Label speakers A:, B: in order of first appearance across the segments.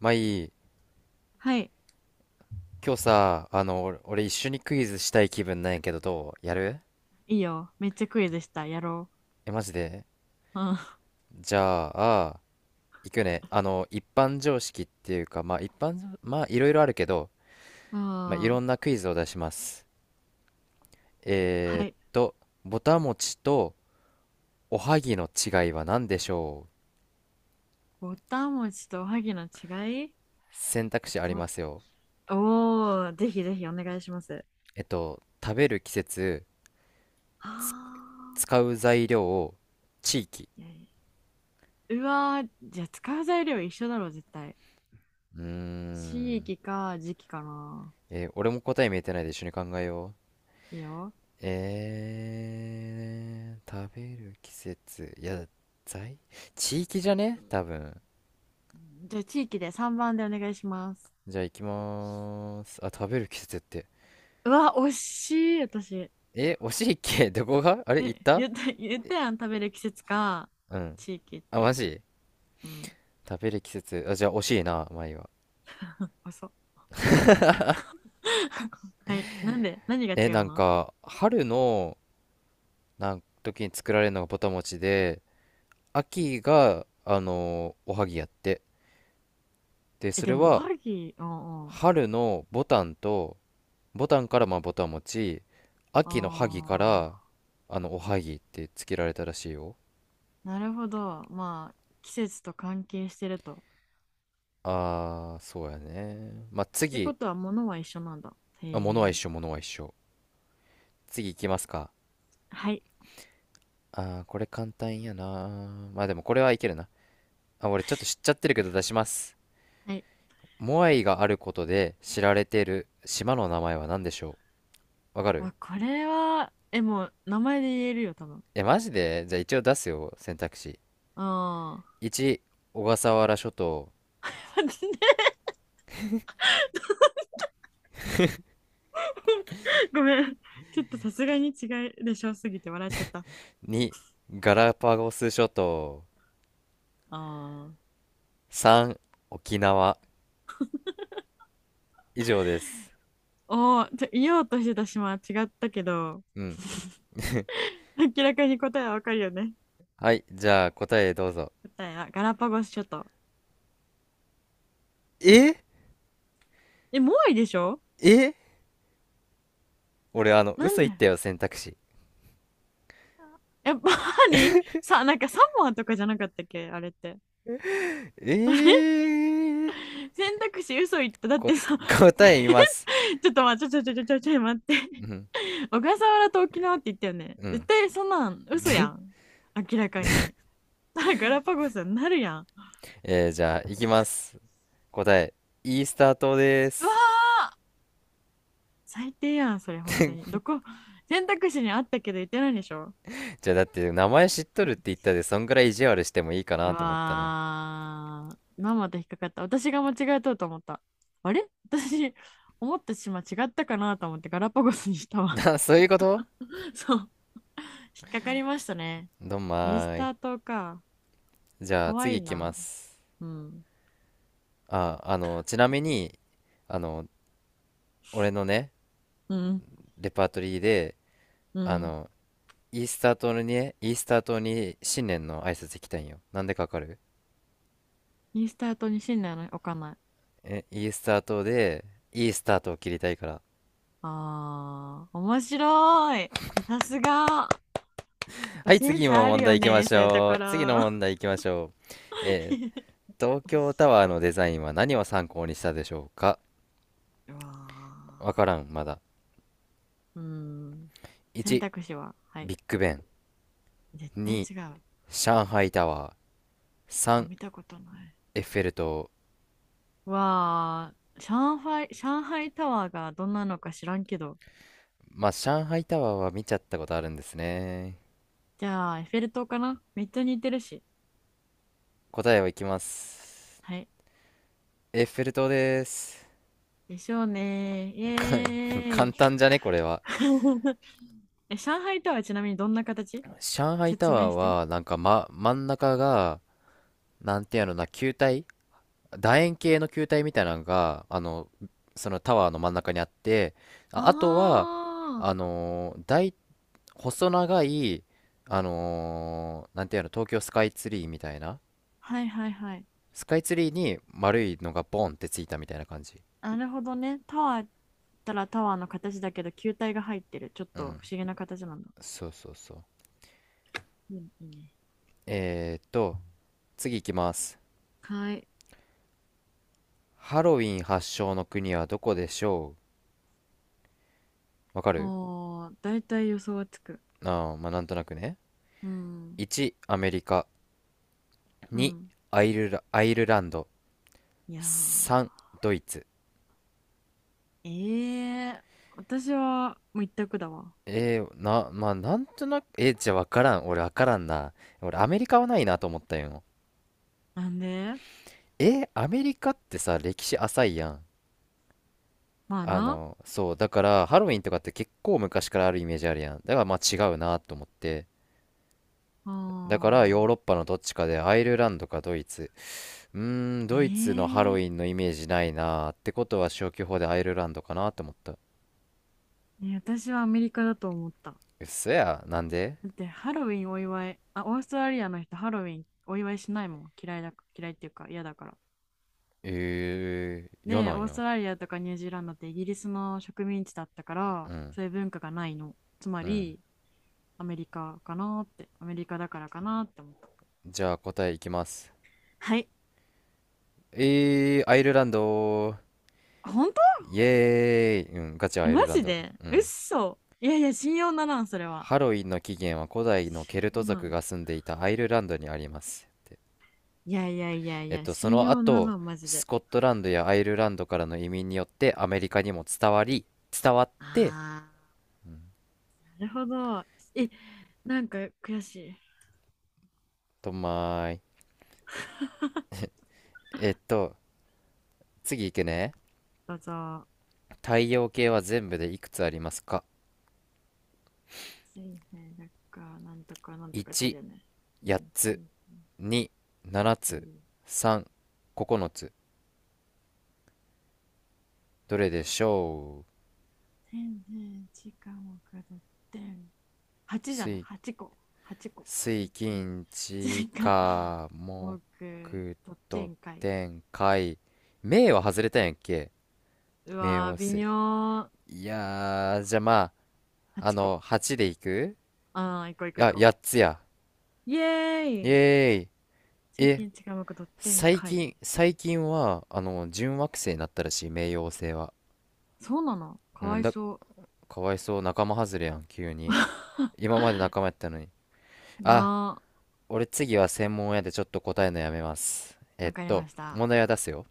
A: まあいい。
B: はい。
A: 今日さ、俺一緒にクイズしたい気分なんやけど、どうやる？
B: いいよ。めっちゃクイズした。やろ
A: え、マジで？
B: う。うん。
A: じゃあ、行くね。一般常識っていうか、まあ一般まあいろいろあるけど、
B: う
A: まあいろ
B: ん。
A: んなクイズを出します。え
B: は
A: ーっ
B: い。
A: と、ぼたもちとおはぎの違いは何でしょう？
B: ぼたもちとおはぎの違い、
A: 選択肢あり
B: ぼ、
A: ますよ。
B: おー、ぜひぜひお願いします。
A: 食べる季節、つ
B: あ、
A: 使う材料、地域。
B: いやいや、うわー、じゃあ使う材料一緒だろ、絶対。
A: うー
B: 地
A: ん。
B: 域か時期かな。
A: えー、俺も答え見えてないで一緒に考えよう。
B: いいよ。
A: えー、食べる季節。いや、在地域じゃね多分。
B: じゃあ地域で3番でお願いします。
A: じゃあ行きまーす。あ、食べる季節って。
B: うわ、惜しい、私。
A: え、惜しいっけ、どこがあれ行っ
B: え、
A: た？
B: 言った、言ったやん、食べる季節か、
A: うん。
B: 地域っ
A: あ、マ
B: て。
A: ジ？
B: うん、
A: 食べる季節。あ、じゃあ惜しいな、前は。
B: 遅っ。はい。なんで、何が
A: え、
B: 違
A: な
B: う
A: ん
B: の？
A: か、春のなん時に作られるのがぼたもちで、秋が、おはぎやって。で、
B: え、
A: そ
B: で
A: れ
B: も、お
A: は、
B: はぎ、うんうん。
A: 春のぼたんと、ボタンからまあボタン持ち、
B: あ
A: 秋の萩から
B: あ、
A: おはぎってつけられたらしいよ。
B: なるほど。まあ、季節と関係してると。
A: あー、そうやね。まあ
B: って
A: 次、
B: ことは、物は一緒なんだ。
A: あ、物
B: へ
A: は一
B: え。
A: 緒、物は一緒。次行きますか。
B: はい。
A: あー、これ簡単やな。まあでもこれはいけるな。あ、俺ちょっと知っちゃってるけど出します。
B: はい。
A: モアイがあることで知られてる島の名前は何でしょう？わかる？
B: あ、これは、え、もう、名前で言えるよ、多分。
A: え、マジで？じゃあ一応出すよ、選択肢。
B: ああ。
A: 1、小笠原諸島。
B: 待って、ごめん。ちょっとさすがに違いでしょすぎて笑っちゃった。あ
A: 2、ガラパゴス諸島。
B: あ。
A: 3、沖縄。以上です。
B: おお、ちょ言おうとしてた島は違ったけど、
A: うん。
B: 明らかに答えはわかるよね。
A: はい、じゃあ答えどうぞ。
B: 答えはガラパゴス諸島。
A: え、
B: え、モアイでしょ？
A: え、俺、
B: な
A: 嘘
B: ん
A: 言っ
B: で、
A: たよ、選択肢。
B: やっぱり、さ、なんかサモアとかじゃなかったっけあれって。
A: えー、
B: 選択肢嘘言った。だっ
A: こ、
B: てさ、
A: 答え言います。
B: ちょっと待って、ちょちょちょちょちょちょ待っ
A: う
B: て。
A: ん、
B: 小笠原と沖縄って言ったよね。
A: う
B: 絶
A: ん。
B: 対そんなん嘘や
A: で、
B: ん。明らかに。だからガラパゴスになるやん。
A: えー、じゃあ、行きます。答え、イースター島で
B: うわ
A: す。
B: ー、最低やん、それ本当に。どこ、選択肢にあったけど言ってないでしょ？
A: じゃあ、だって、名前知っとるって言ったで、そんぐらい意地悪してもいいか
B: う
A: なと思ったね。
B: わー。まんまと引っかかった。私が間違えとうと思った。あれ私、思った島違ったかなと思ってガラパゴスにした わ。
A: な、そういうこと。
B: そう。引っかかりましたね。
A: どん
B: イー
A: ま
B: ス
A: ーい。
B: ター島か。
A: じゃ
B: か
A: あ、
B: わ
A: 次
B: いい
A: 行きま
B: な。
A: す。
B: うん。
A: あ、ちなみに、あの、俺のね、
B: うん。
A: レパートリーで、
B: う
A: あ
B: ん。
A: の、イースター島にね、イースター島に新年の挨拶行きたいんよ。なんでかわかる？
B: イースター島に信念の置かない。
A: え、イースター島で、いいスタートを切りたいから。
B: あー、面白い。さすが。やっ
A: は
B: ぱ
A: い、
B: セン
A: 次
B: ス
A: の
B: あ
A: 問
B: るよ
A: 題行きま
B: ね、
A: し
B: そういうと
A: ょ
B: こ
A: う。次の
B: ろ。
A: 問 題行きましょう。えー、東京タワーのデザインは何を参考にしたでしょうか？
B: うわ
A: わからん、まだ。
B: ー。うん。選
A: 1、
B: 択肢は、はい。
A: ビッグベン。
B: 絶対
A: 2、
B: 違う。
A: 上海タワー。
B: あ、
A: 3、
B: 見たことない。
A: エッフェル塔。
B: わあ、上海、上海タワーがどんなのか知らんけど。
A: まあ、上海タワーは見ちゃったことあるんですね。
B: じゃあ、エッフェル塔かな、めっちゃ似てるし。
A: 答えをいきます。
B: はい。
A: エッフェル塔です。
B: でしょうね、イエ
A: か 簡
B: ーイ。
A: 単じゃね、これは。
B: え、上海タワーちなみにどんな形、
A: 上海タ
B: 説
A: ワ
B: 明
A: ー
B: して。
A: は、なんか、ま、真ん中が、なんていうのな、楕円形の球体みたいなのが、そのタワーの真ん中にあって、
B: あ
A: あ、あとは、あ
B: あ、
A: のー大、細長い、あのーなんていうの、東京スカイツリーみたいな。
B: はいはいはい。
A: スカイツリーに丸いのがボンってついたみたいな感じ。
B: なるほどね。タワーったらタワーの形だけど、球体が入ってる。ちょっ
A: う
B: と
A: ん。
B: 不思議な形なんだ。
A: そうそうそう。
B: うん、いいね。
A: えーっと、次行きます。
B: はい。
A: ハロウィン発祥の国はどこでしょう？わかる？
B: おー、だいたい予想はつく。
A: ああ、まあ、なんとなくね。
B: うん。
A: 1、アメリカ。
B: う
A: 2、
B: ん。
A: アイルランド。
B: いやー。
A: 3、ドイツ。
B: ええ、私はもう一択だわ。
A: えー、な、まあ、なんとなく、えー、じゃあわからん。俺わからんな。俺アメリカはないなと思ったよ。
B: なんで？
A: えー、アメリカってさ、歴史浅いやん。
B: まあな。
A: そう、だからハロウィンとかって結構昔からあるイメージあるやん。だからまあ違うなと思って。
B: あ
A: だからヨーロッ
B: あ。
A: パのどっちかでアイルランドかドイツ。うーん、ドイツのハロ
B: え
A: ウ
B: え、
A: ィンのイメージないなーってことは消去法でアイルランドかなって思った。
B: ね、私はアメリカだと思った。
A: うっそや、なんで？
B: だってハロウィンお祝い、あ、オーストラリアの人ハロウィンお祝いしないもん。嫌いだ、嫌いっていうか嫌だから。
A: えー、嫌
B: で、
A: なん
B: オース
A: や。
B: トラリアとかニュージーランドってイギリスの植民地だったか
A: う
B: ら、
A: ん、
B: そういう文化がないの。つま
A: うん。
B: り、アメリカかなって、アメリカだからかなって思った。
A: じゃあ答えいきます。
B: はい。
A: えー、アイルランド。
B: 本当？
A: イエーイ。うん、ガチアイル
B: マ
A: ラン
B: ジ
A: ド。
B: で
A: うん。
B: 嘘、いやいや、信用ならん、それは。
A: ハロウィンの起源は古代のケルト
B: う
A: 族
B: ん、
A: が住んでいたアイルランドにあります。って、
B: いやいやいやい
A: えっ
B: や、
A: と、そ
B: 信
A: の
B: 用な
A: 後、
B: らマジ
A: ス
B: で。
A: コットランドやアイルランドからの移民によってアメリカにも伝わって、
B: ああ、
A: うん、
B: なるほど。え、なんか悔しい。
A: とまーい。えっと、次いくね。
B: どうぞ。
A: 太陽系は全部でいくつありますか？
B: 水平だか、なんとかなんとかだ
A: 1、
B: よね。う
A: 8
B: ん、水
A: つ、
B: 平、
A: 2、7
B: リー、
A: つ、3、9つ。どれでしょう？
B: 天然、時間をかどって、8じゃない、
A: 水、
B: 8個、8個。
A: 水、
B: 水平、
A: 金、地、
B: 時間、
A: 火、
B: 多く、
A: 木、
B: とって
A: 土、
B: んかい。
A: 天、海。冥は外れたんやっけ？
B: う
A: 冥
B: わ
A: 王
B: ー、微
A: 星。
B: 妙。
A: いやー、じゃあま
B: 8
A: あ、
B: 個。
A: 8でいく、
B: あー、行こう行
A: い
B: こう
A: や、
B: 行こ
A: 8つや。
B: う。イエ
A: イ
B: ーイ、
A: エーイ。
B: 地
A: え、
B: 域に近いくドッテン
A: 最
B: 会。
A: 近、最近は、準惑星になったらしい、冥王星は。
B: そうなの、
A: う
B: かわ
A: ん、
B: い
A: だ、
B: そ
A: かわいそう、仲間外れやん、急に。今まで仲間やったのに。
B: う。
A: あ、
B: な。
A: 俺次は専門やでちょっと答えのやめます。えっ
B: わかり
A: と、
B: ました。
A: 問題は出すよ。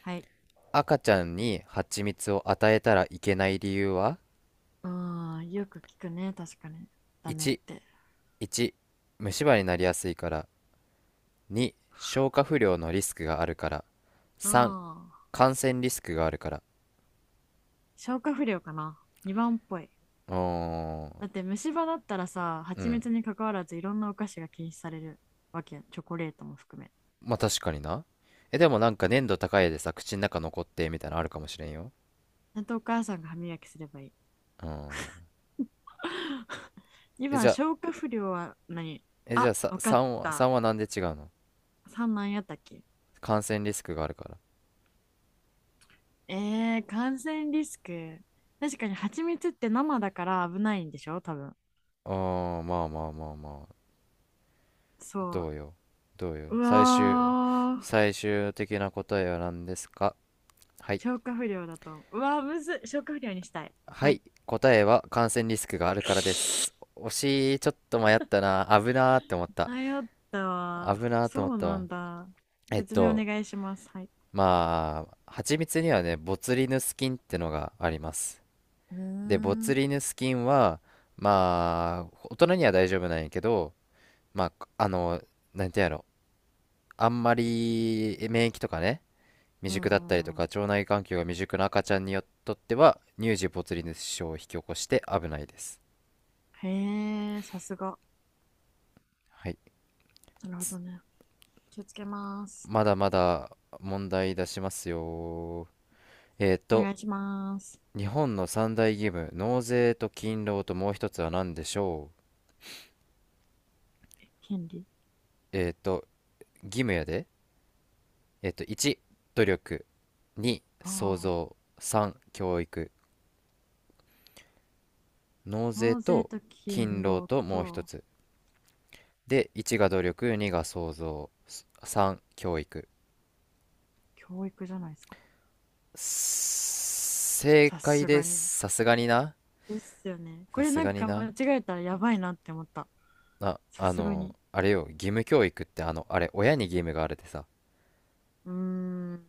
B: はい。
A: 赤ちゃんに蜂蜜を与えたらいけない理由は？
B: うん、よく聞くね。確かに。ダメっ
A: 1、
B: て。
A: 1、虫歯になりやすいから。2、消化不良のリスクがあるから。
B: あ
A: 3、
B: あ。
A: 感染リスクがあるから。
B: 消化不良かな。2番っぽい。
A: うーん、
B: だって虫歯だったらさ、
A: う
B: 蜂
A: ん。
B: 蜜に関わらずいろんなお菓子が禁止されるわけやん。チョコレートも含め。
A: まあ確かにな。え、でもなんか粘度高いでさ、口の中残ってみたいなのあるかもしれんよ。
B: ちゃんとお母さんが歯磨きすればいい。
A: うん。え、
B: 2
A: じ
B: 番、
A: ゃあ、
B: 消化不良は何？
A: え、じゃ
B: あ、
A: あさ、
B: わか
A: さ
B: っ
A: んは、さ
B: た。
A: んはなんで違うの？
B: 3なんやったっけ？
A: 感染リスクがあるから。
B: えー、感染リスク。確かに蜂蜜って生だから危ないんでしょ多分。
A: あー、まあまあまあまあ。
B: そ
A: どうよ。どうよ。
B: う。うわー。
A: 最終的な答えは何ですか？はい。
B: 消化不良だと。うわー、むずっ。消化不良にしたい。
A: は
B: は
A: い。
B: い。
A: 答えは感染リスクがあるからです。惜しい。ちょっと迷ったな。危なーって思った。
B: 迷ったわ。
A: 危なーって
B: そ
A: 思っ
B: う
A: た
B: な
A: わ。
B: んだ。
A: えっ
B: 説明お
A: と、
B: 願いします。はい。
A: まあ、蜂蜜にはね、ボツリヌス菌ってのがあります。
B: うー
A: で、ボツ
B: ん。
A: リヌス菌は、まあ、大人には大丈夫なんやけど、まあ、なんてやろ、あんまり免疫とかね、未
B: うんう
A: 熟だったりと
B: んう
A: か、
B: ん。
A: 腸内環境が未熟な赤ちゃんによっとっては、乳児ボツリヌス症を引き起こして危ないです。
B: へえ、さすが。
A: はい。
B: なるほ
A: つ
B: どね。気をつけます。
A: まだまだ問題出しますよ。えー
B: お
A: と、
B: 願いします。
A: 日本の三大義務、納税と勤労ともう一つは何でしょ？
B: 権利。
A: えっと、義務やで。えっと、1、努力。2、
B: あ
A: 創造。
B: あ。
A: 3、教育。納税
B: 納税
A: と
B: と
A: 勤
B: 勤
A: 労
B: 労
A: ともう一
B: と
A: つ。で、1が努力、2が創造。3、教育。
B: 教育じゃないですか。
A: 正
B: さ
A: 解
B: す
A: で
B: がに。
A: す。さすがにな。
B: ですよね。こ
A: さ
B: れ
A: す
B: な
A: が
B: ん
A: に
B: か間
A: な。
B: 違えたらやばいなって思った。
A: あ、
B: さすがに。
A: あれよ、義務教育ってあの、あれ、親に義務があるでさ、
B: うーん。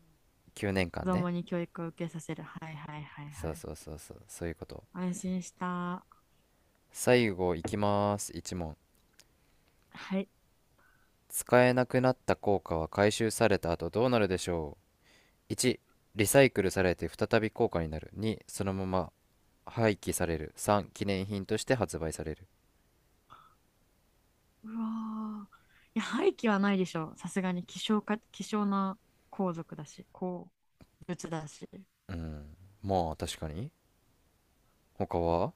A: 9年
B: 子
A: 間ねんかんね。
B: 供に教育を受けさせる。はいはいはい
A: そ
B: は
A: う
B: い。
A: そうそうそう、そういうこと。
B: 安心した。
A: 最後いきます。1問。
B: はい。
A: 使えなくなった硬貨は回収された後どうなるでしょう？ 1、リサイクルされて再び硬貨になる。2、そのまま廃棄される。3、記念品として発売される。
B: うわー。いや、廃棄はないでしょ、さすがに希少か、希少な皇族だし、鉱物だし。
A: うん、まあ確かに。他は、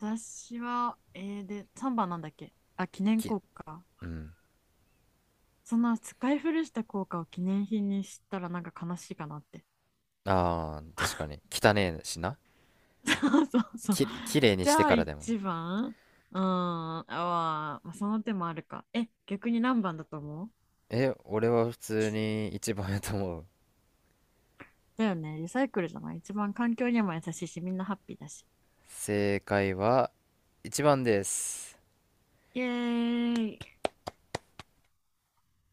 B: 私は、えー、で、3番なんだっけ、あ、記念
A: き、
B: 硬貨。
A: うん。
B: そんな使い古した硬貨を記念品にしたらなんか悲しいかなって。
A: ああ、確かに。汚ねえしな。
B: そうそうそう。
A: きれいに
B: じ
A: して
B: ゃあ
A: からでも。
B: 一番。うーん。あーまあ、その手もあるか。え、逆に何番だと思う？
A: え、俺は普通に一番やと思う。
B: だよね。リサイクルじゃない、一番環境にも優しいし、みんなハッピーだし。
A: 正解は一番です。
B: イエーイ。